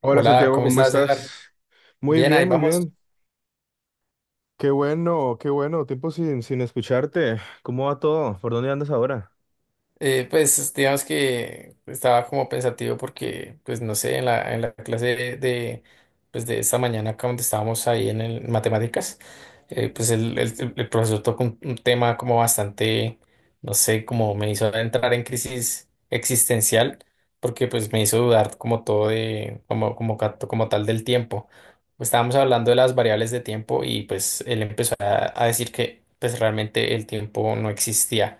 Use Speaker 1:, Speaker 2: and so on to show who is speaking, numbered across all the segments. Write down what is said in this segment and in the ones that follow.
Speaker 1: Hola
Speaker 2: Hola,
Speaker 1: Santiago,
Speaker 2: ¿cómo
Speaker 1: ¿cómo
Speaker 2: estás, Edgar?
Speaker 1: estás? Muy
Speaker 2: Bien, ahí
Speaker 1: bien, muy
Speaker 2: vamos.
Speaker 1: bien. Qué bueno, qué bueno. Tiempo sin escucharte. ¿Cómo va todo? ¿Por dónde andas ahora?
Speaker 2: Pues digamos que estaba como pensativo porque, pues no sé, en la clase de esta mañana acá donde estábamos ahí en matemáticas. El profesor tocó un tema como bastante, no sé, como me hizo entrar en crisis existencial porque pues me hizo dudar como todo de, como tal del tiempo. Pues, estábamos hablando de las variables de tiempo y pues él empezó a decir que pues realmente el tiempo no existía,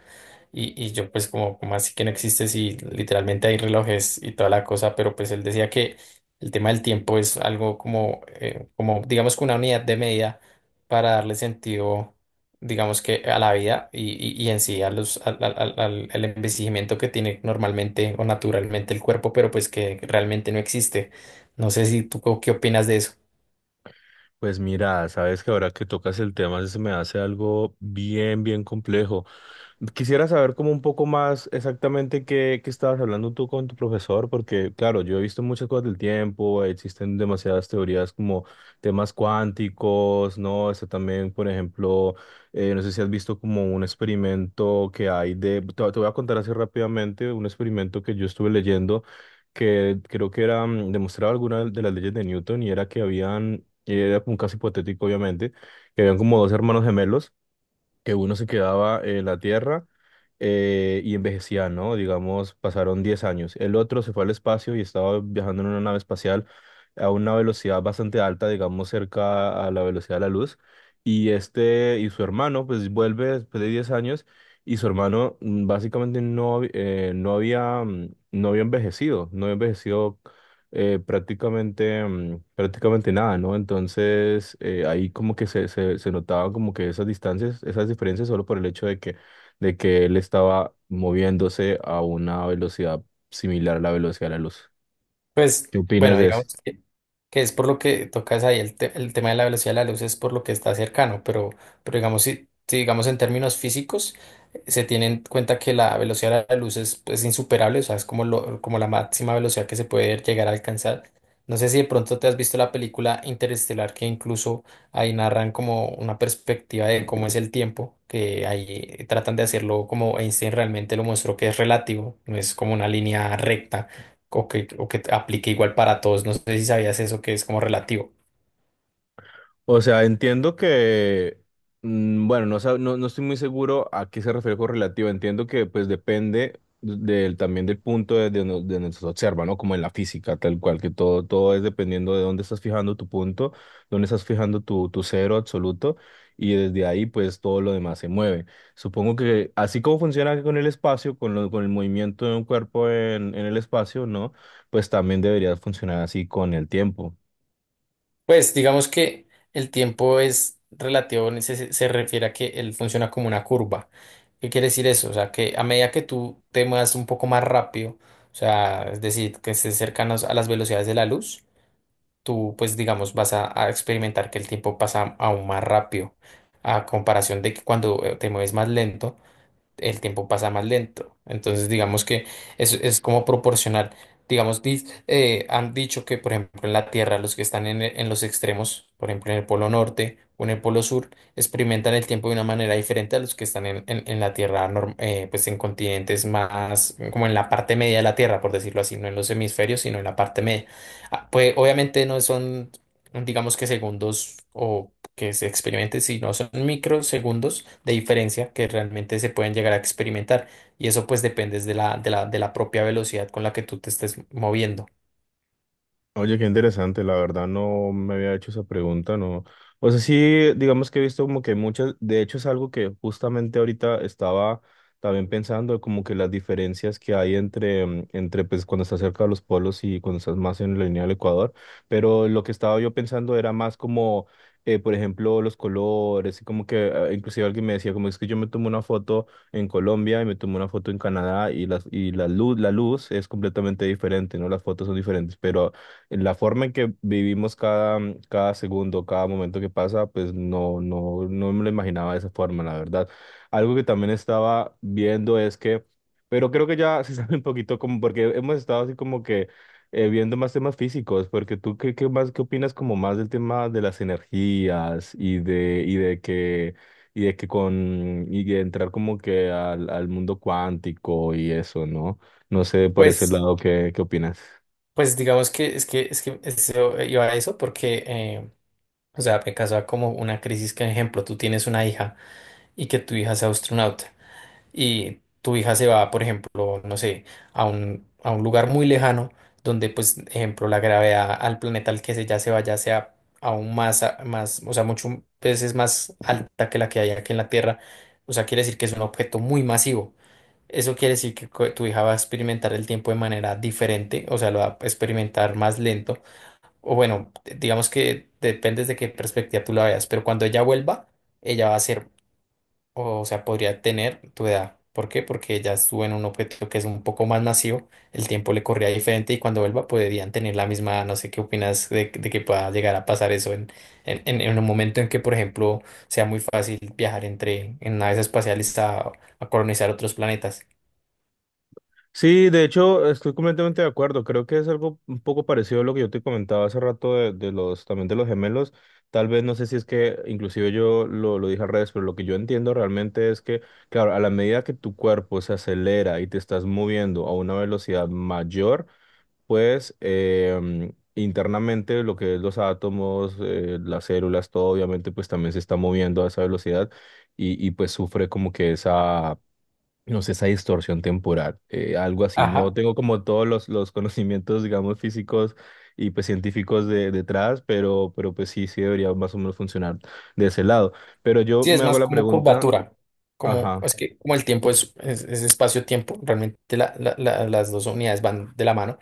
Speaker 2: y yo pues como, como así que no existe si literalmente hay relojes y toda la cosa, pero pues él decía que el tema del tiempo es algo como, como digamos que una unidad de medida para darle sentido, digamos que a la vida, y en sí a los, al, al, al- al- al envejecimiento que tiene normalmente o naturalmente el cuerpo, pero pues que realmente no existe. No sé si qué opinas de eso.
Speaker 1: Pues mira, sabes que ahora que tocas el tema se me hace algo bien, bien complejo. Quisiera saber como un poco más exactamente qué estabas hablando tú con tu profesor, porque claro, yo he visto muchas cosas del tiempo, existen demasiadas teorías como temas cuánticos, ¿no? Está también, por ejemplo, no sé si has visto como un experimento que hay te voy a contar así rápidamente, un experimento que yo estuve leyendo que creo que era, demostraba alguna de las leyes de Newton y era que habían, y era como un caso hipotético obviamente, que habían como dos hermanos gemelos que uno se quedaba en la Tierra y envejecía, ¿no? Digamos, pasaron 10 años. El otro se fue al espacio y estaba viajando en una nave espacial a una velocidad bastante alta, digamos, cerca a la velocidad de la luz. Y este y su hermano, pues vuelve después de 10 años y su hermano básicamente no, no había, no había envejecido, prácticamente, prácticamente nada, ¿no? Entonces, ahí como que se notaban como que esas distancias, esas diferencias solo por el hecho de que él estaba moviéndose a una velocidad similar a la velocidad de la luz.
Speaker 2: Pues
Speaker 1: ¿Qué opinas
Speaker 2: bueno,
Speaker 1: de eso?
Speaker 2: digamos. Que es por lo que tocas ahí el tema de la velocidad de la luz, es por lo que está cercano, pero digamos, si digamos en términos físicos, se tiene en cuenta que la velocidad de la luz es, pues, insuperable, o sea, es como lo, como la máxima velocidad que se puede llegar a alcanzar. No sé si de pronto te has visto la película Interestelar, que incluso ahí narran como una perspectiva de cómo es el tiempo, que ahí tratan de hacerlo como Einstein realmente lo mostró, que es relativo, no es como una línea recta o que aplique igual para todos. No sé si sabías eso, que es como relativo.
Speaker 1: O sea, entiendo que, bueno, no, no, no estoy muy seguro a qué se refiere con relativo. Entiendo que pues depende del, también del punto de donde se observa, ¿no? Como en la física, tal cual, que todo, todo es dependiendo de dónde estás fijando tu punto, dónde estás fijando tu cero absoluto, y desde ahí pues todo lo demás se mueve. Supongo que así como funciona con el espacio, con, con el movimiento de un cuerpo en el espacio, ¿no? Pues también debería funcionar así con el tiempo.
Speaker 2: Pues digamos que el tiempo es relativo, en ese se refiere a que él funciona como una curva. ¿Qué quiere decir eso? O sea, que a medida que tú te muevas un poco más rápido, o sea, es decir, que estés cercanos a las velocidades de la luz, tú pues digamos vas a experimentar que el tiempo pasa aún más rápido a comparación de que cuando te mueves más lento, el tiempo pasa más lento. Entonces, digamos que es como proporcional. Digamos, han dicho que, por ejemplo, en la Tierra, los que están en los extremos, por ejemplo, en el Polo Norte o en el Polo Sur, experimentan el tiempo de una manera diferente a los que están en la Tierra, pues en continentes más, como en la parte media de la Tierra, por decirlo así, no en los hemisferios, sino en la parte media. Ah, pues obviamente no son, digamos que segundos o que se experimente, si no son microsegundos de diferencia que realmente se pueden llegar a experimentar. Y eso pues depende de la propia velocidad con la que tú te estés moviendo.
Speaker 1: Oye, qué interesante, la verdad no me había hecho esa pregunta, no. O sea, sí, digamos que he visto como que muchas, de hecho es algo que justamente ahorita estaba también pensando, como que las diferencias que hay entre, entre pues cuando estás cerca de los polos y cuando estás más en la línea del Ecuador, pero lo que estaba yo pensando era más como, por ejemplo, los colores, y como que inclusive alguien me decía, como es que yo me tomo una foto en Colombia y me tomo una foto en Canadá y la luz es completamente diferente, ¿no? Las fotos son diferentes, pero la forma en que vivimos cada segundo, cada momento que pasa, pues no, no, no me lo imaginaba de esa forma, la verdad. Algo que también estaba viendo es que, pero creo que ya se sabe un poquito como, porque hemos estado así como que viendo más temas físicos, porque tú, ¿qué opinas como más del tema de las energías y de que... Y de que con, y de entrar como que al mundo cuántico y eso, ¿no? No sé por ese
Speaker 2: Pues,
Speaker 1: lado, ¿qué opinas?
Speaker 2: pues digamos que es que, es que eso, iba a eso porque, o sea, me causaba como una crisis que, ejemplo, tú tienes una hija y que tu hija sea astronauta. Y tu hija se va, por ejemplo, no sé, a un lugar muy lejano donde, pues, ejemplo, la gravedad al planeta al que se ya se vaya sea aún más, más, o sea, muchas veces más alta que la que hay aquí en la Tierra. O sea, quiere decir que es un objeto muy masivo. Eso quiere decir que tu hija va a experimentar el tiempo de manera diferente, o sea, lo va a experimentar más lento. O bueno, digamos que depende de qué perspectiva tú la veas, pero cuando ella vuelva, ella va a ser, o sea, podría tener tu edad. ¿Por qué? Porque ya estuvo en un objeto que es un poco más masivo, el tiempo le corría diferente, y cuando vuelva podrían tener la misma edad. No sé qué opinas de que pueda llegar a pasar eso en un momento en que, por ejemplo, sea muy fácil viajar entre en naves espaciales a colonizar otros planetas.
Speaker 1: Sí, de hecho, estoy completamente de acuerdo. Creo que es algo un poco parecido a lo que yo te comentaba hace rato de los, también de los gemelos. Tal vez, no sé si es que inclusive yo lo dije al revés, pero lo que yo entiendo realmente es que, claro, a la medida que tu cuerpo se acelera y te estás moviendo a una velocidad mayor, pues internamente lo que es los átomos, las células, todo obviamente pues también se está moviendo a esa velocidad y pues sufre como que esa no sé, esa distorsión temporal, algo así. No tengo como todos los conocimientos, digamos, físicos y pues científicos detrás, pero pues sí, sí debería más o menos funcionar de ese lado. Pero yo
Speaker 2: Sí, es
Speaker 1: me hago
Speaker 2: más
Speaker 1: la
Speaker 2: como
Speaker 1: pregunta,
Speaker 2: curvatura, como
Speaker 1: ajá,
Speaker 2: es que como el tiempo es, es espacio-tiempo, realmente las dos unidades van de la mano.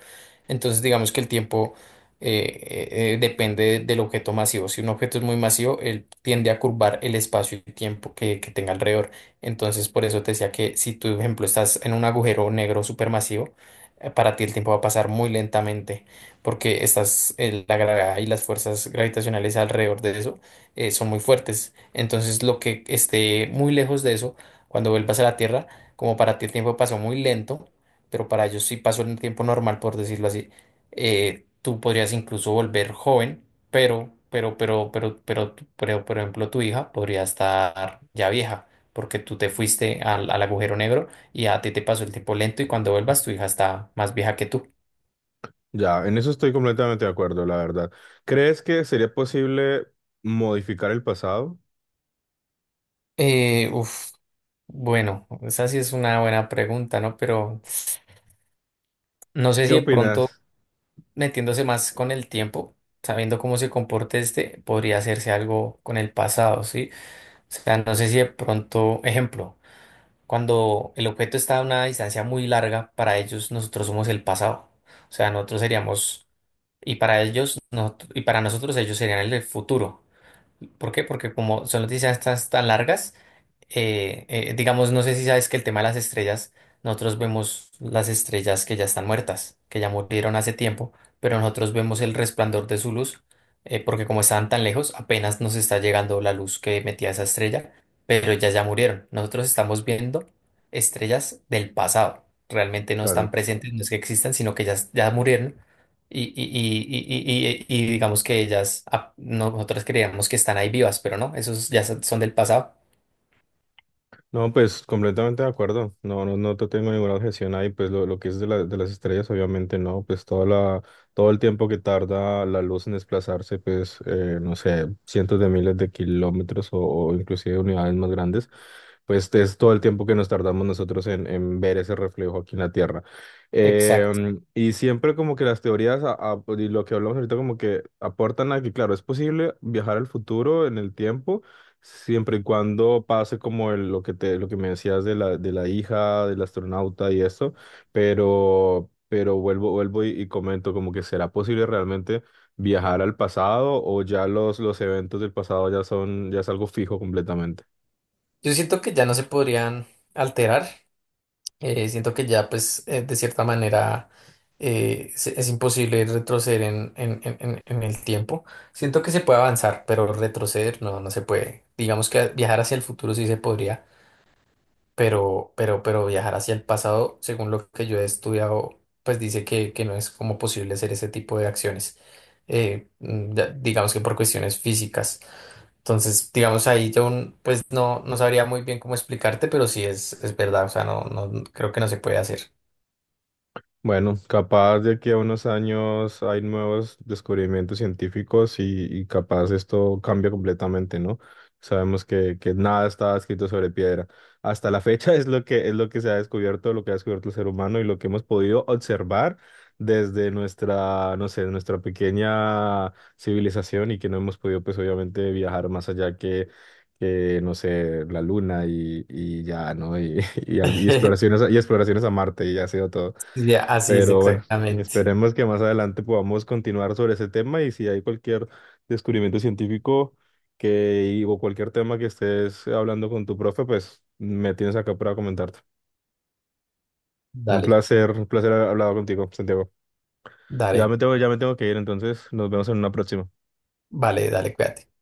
Speaker 2: Entonces, digamos que el tiempo depende del objeto masivo. Si un objeto es muy masivo, él tiende a curvar el espacio y tiempo que tenga alrededor. Entonces, por eso te decía que si tú, por ejemplo, estás en un agujero negro supermasivo, para ti el tiempo va a pasar muy lentamente, porque estás, la gravedad y las fuerzas gravitacionales alrededor de eso son muy fuertes. Entonces, lo que esté muy lejos de eso, cuando vuelvas a la Tierra, como para ti el tiempo pasó muy lento, pero para ellos sí pasó el tiempo normal, por decirlo así, tú podrías incluso volver joven, pero, pero, por ejemplo, tu hija podría estar ya vieja, porque tú te fuiste al, al agujero negro, y a ti te pasó el tiempo lento, y cuando vuelvas tu hija está más vieja que tú.
Speaker 1: ya, en eso estoy completamente de acuerdo, la verdad. ¿Crees que sería posible modificar el pasado?
Speaker 2: Uf, bueno, esa sí es una buena pregunta, ¿no? Pero no sé
Speaker 1: ¿Qué
Speaker 2: si de pronto
Speaker 1: opinas?
Speaker 2: metiéndose más con el tiempo, sabiendo cómo se comporte este, podría hacerse algo con el pasado, ¿sí? O sea, no sé si de pronto, ejemplo, cuando el objeto está a una distancia muy larga, para ellos nosotros somos el pasado. O sea, nosotros seríamos, y para ellos, y para nosotros ellos serían el futuro. ¿Por qué? Porque como son las distancias tan largas, digamos, no sé si sabes que el tema de las estrellas, nosotros vemos las estrellas que ya están muertas, que ya murieron hace tiempo, pero nosotros vemos el resplandor de su luz, porque como estaban tan lejos, apenas nos está llegando la luz que metía esa estrella, pero ellas ya murieron. Nosotros estamos viendo estrellas del pasado, realmente no están
Speaker 1: Claro.
Speaker 2: presentes, no es que existan, sino que ya, ya murieron. Y digamos que ellas, ah, nosotros creíamos que están ahí vivas, pero no, esos ya son del pasado.
Speaker 1: No, pues completamente de acuerdo. No, no, no te tengo ninguna objeción ahí. Pues lo que es de las estrellas, obviamente no. Pues toda la, todo el tiempo que tarda la luz en desplazarse, pues no sé, cientos de miles de kilómetros o inclusive unidades más grandes, pues es todo el tiempo que nos tardamos nosotros en ver ese reflejo aquí en la Tierra.
Speaker 2: Exacto.
Speaker 1: Y siempre como que las teorías pues, y lo que hablamos ahorita como que aportan a que, claro, es posible viajar al futuro en el tiempo. Siempre y cuando pase como lo que te, lo que me decías de la hija, del astronauta y eso, pero, pero vuelvo y comento como que será posible realmente viajar al pasado o ya los eventos del pasado ya son, ya es algo fijo completamente.
Speaker 2: Yo siento que ya no se podrían alterar. Siento que ya, pues, de cierta manera es imposible retroceder en el tiempo. Siento que se puede avanzar, pero retroceder no, no se puede. Digamos que viajar hacia el futuro sí se podría, pero, pero viajar hacia el pasado, según lo que yo he estudiado, pues dice que no es como posible hacer ese tipo de acciones. Digamos que por cuestiones físicas. Entonces, digamos ahí yo pues no, no sabría muy bien cómo explicarte, pero sí es verdad, o sea, no, no creo que no se puede hacer.
Speaker 1: Bueno, capaz de aquí a unos años hay nuevos descubrimientos científicos y capaz esto cambia completamente, ¿no? Sabemos que nada está escrito sobre piedra. Hasta la fecha es lo que se ha descubierto, lo que ha descubierto el ser humano y lo que hemos podido observar desde nuestra, no sé, nuestra pequeña civilización y que no hemos podido, pues obviamente, viajar más allá que no sé, la luna y ya, ¿no? Y, y, y exploraciones, y exploraciones a Marte y ya ha sido todo.
Speaker 2: Sí, así es
Speaker 1: Pero bueno,
Speaker 2: exactamente.
Speaker 1: esperemos que más adelante podamos continuar sobre ese tema y si hay cualquier descubrimiento científico que, o cualquier tema que estés hablando con tu profe, pues me tienes acá para comentarte.
Speaker 2: Dale,
Speaker 1: Un placer haber hablado contigo, Santiago.
Speaker 2: dale,
Speaker 1: Ya me tengo que ir, entonces nos vemos en una próxima.
Speaker 2: vale, dale, cuídate.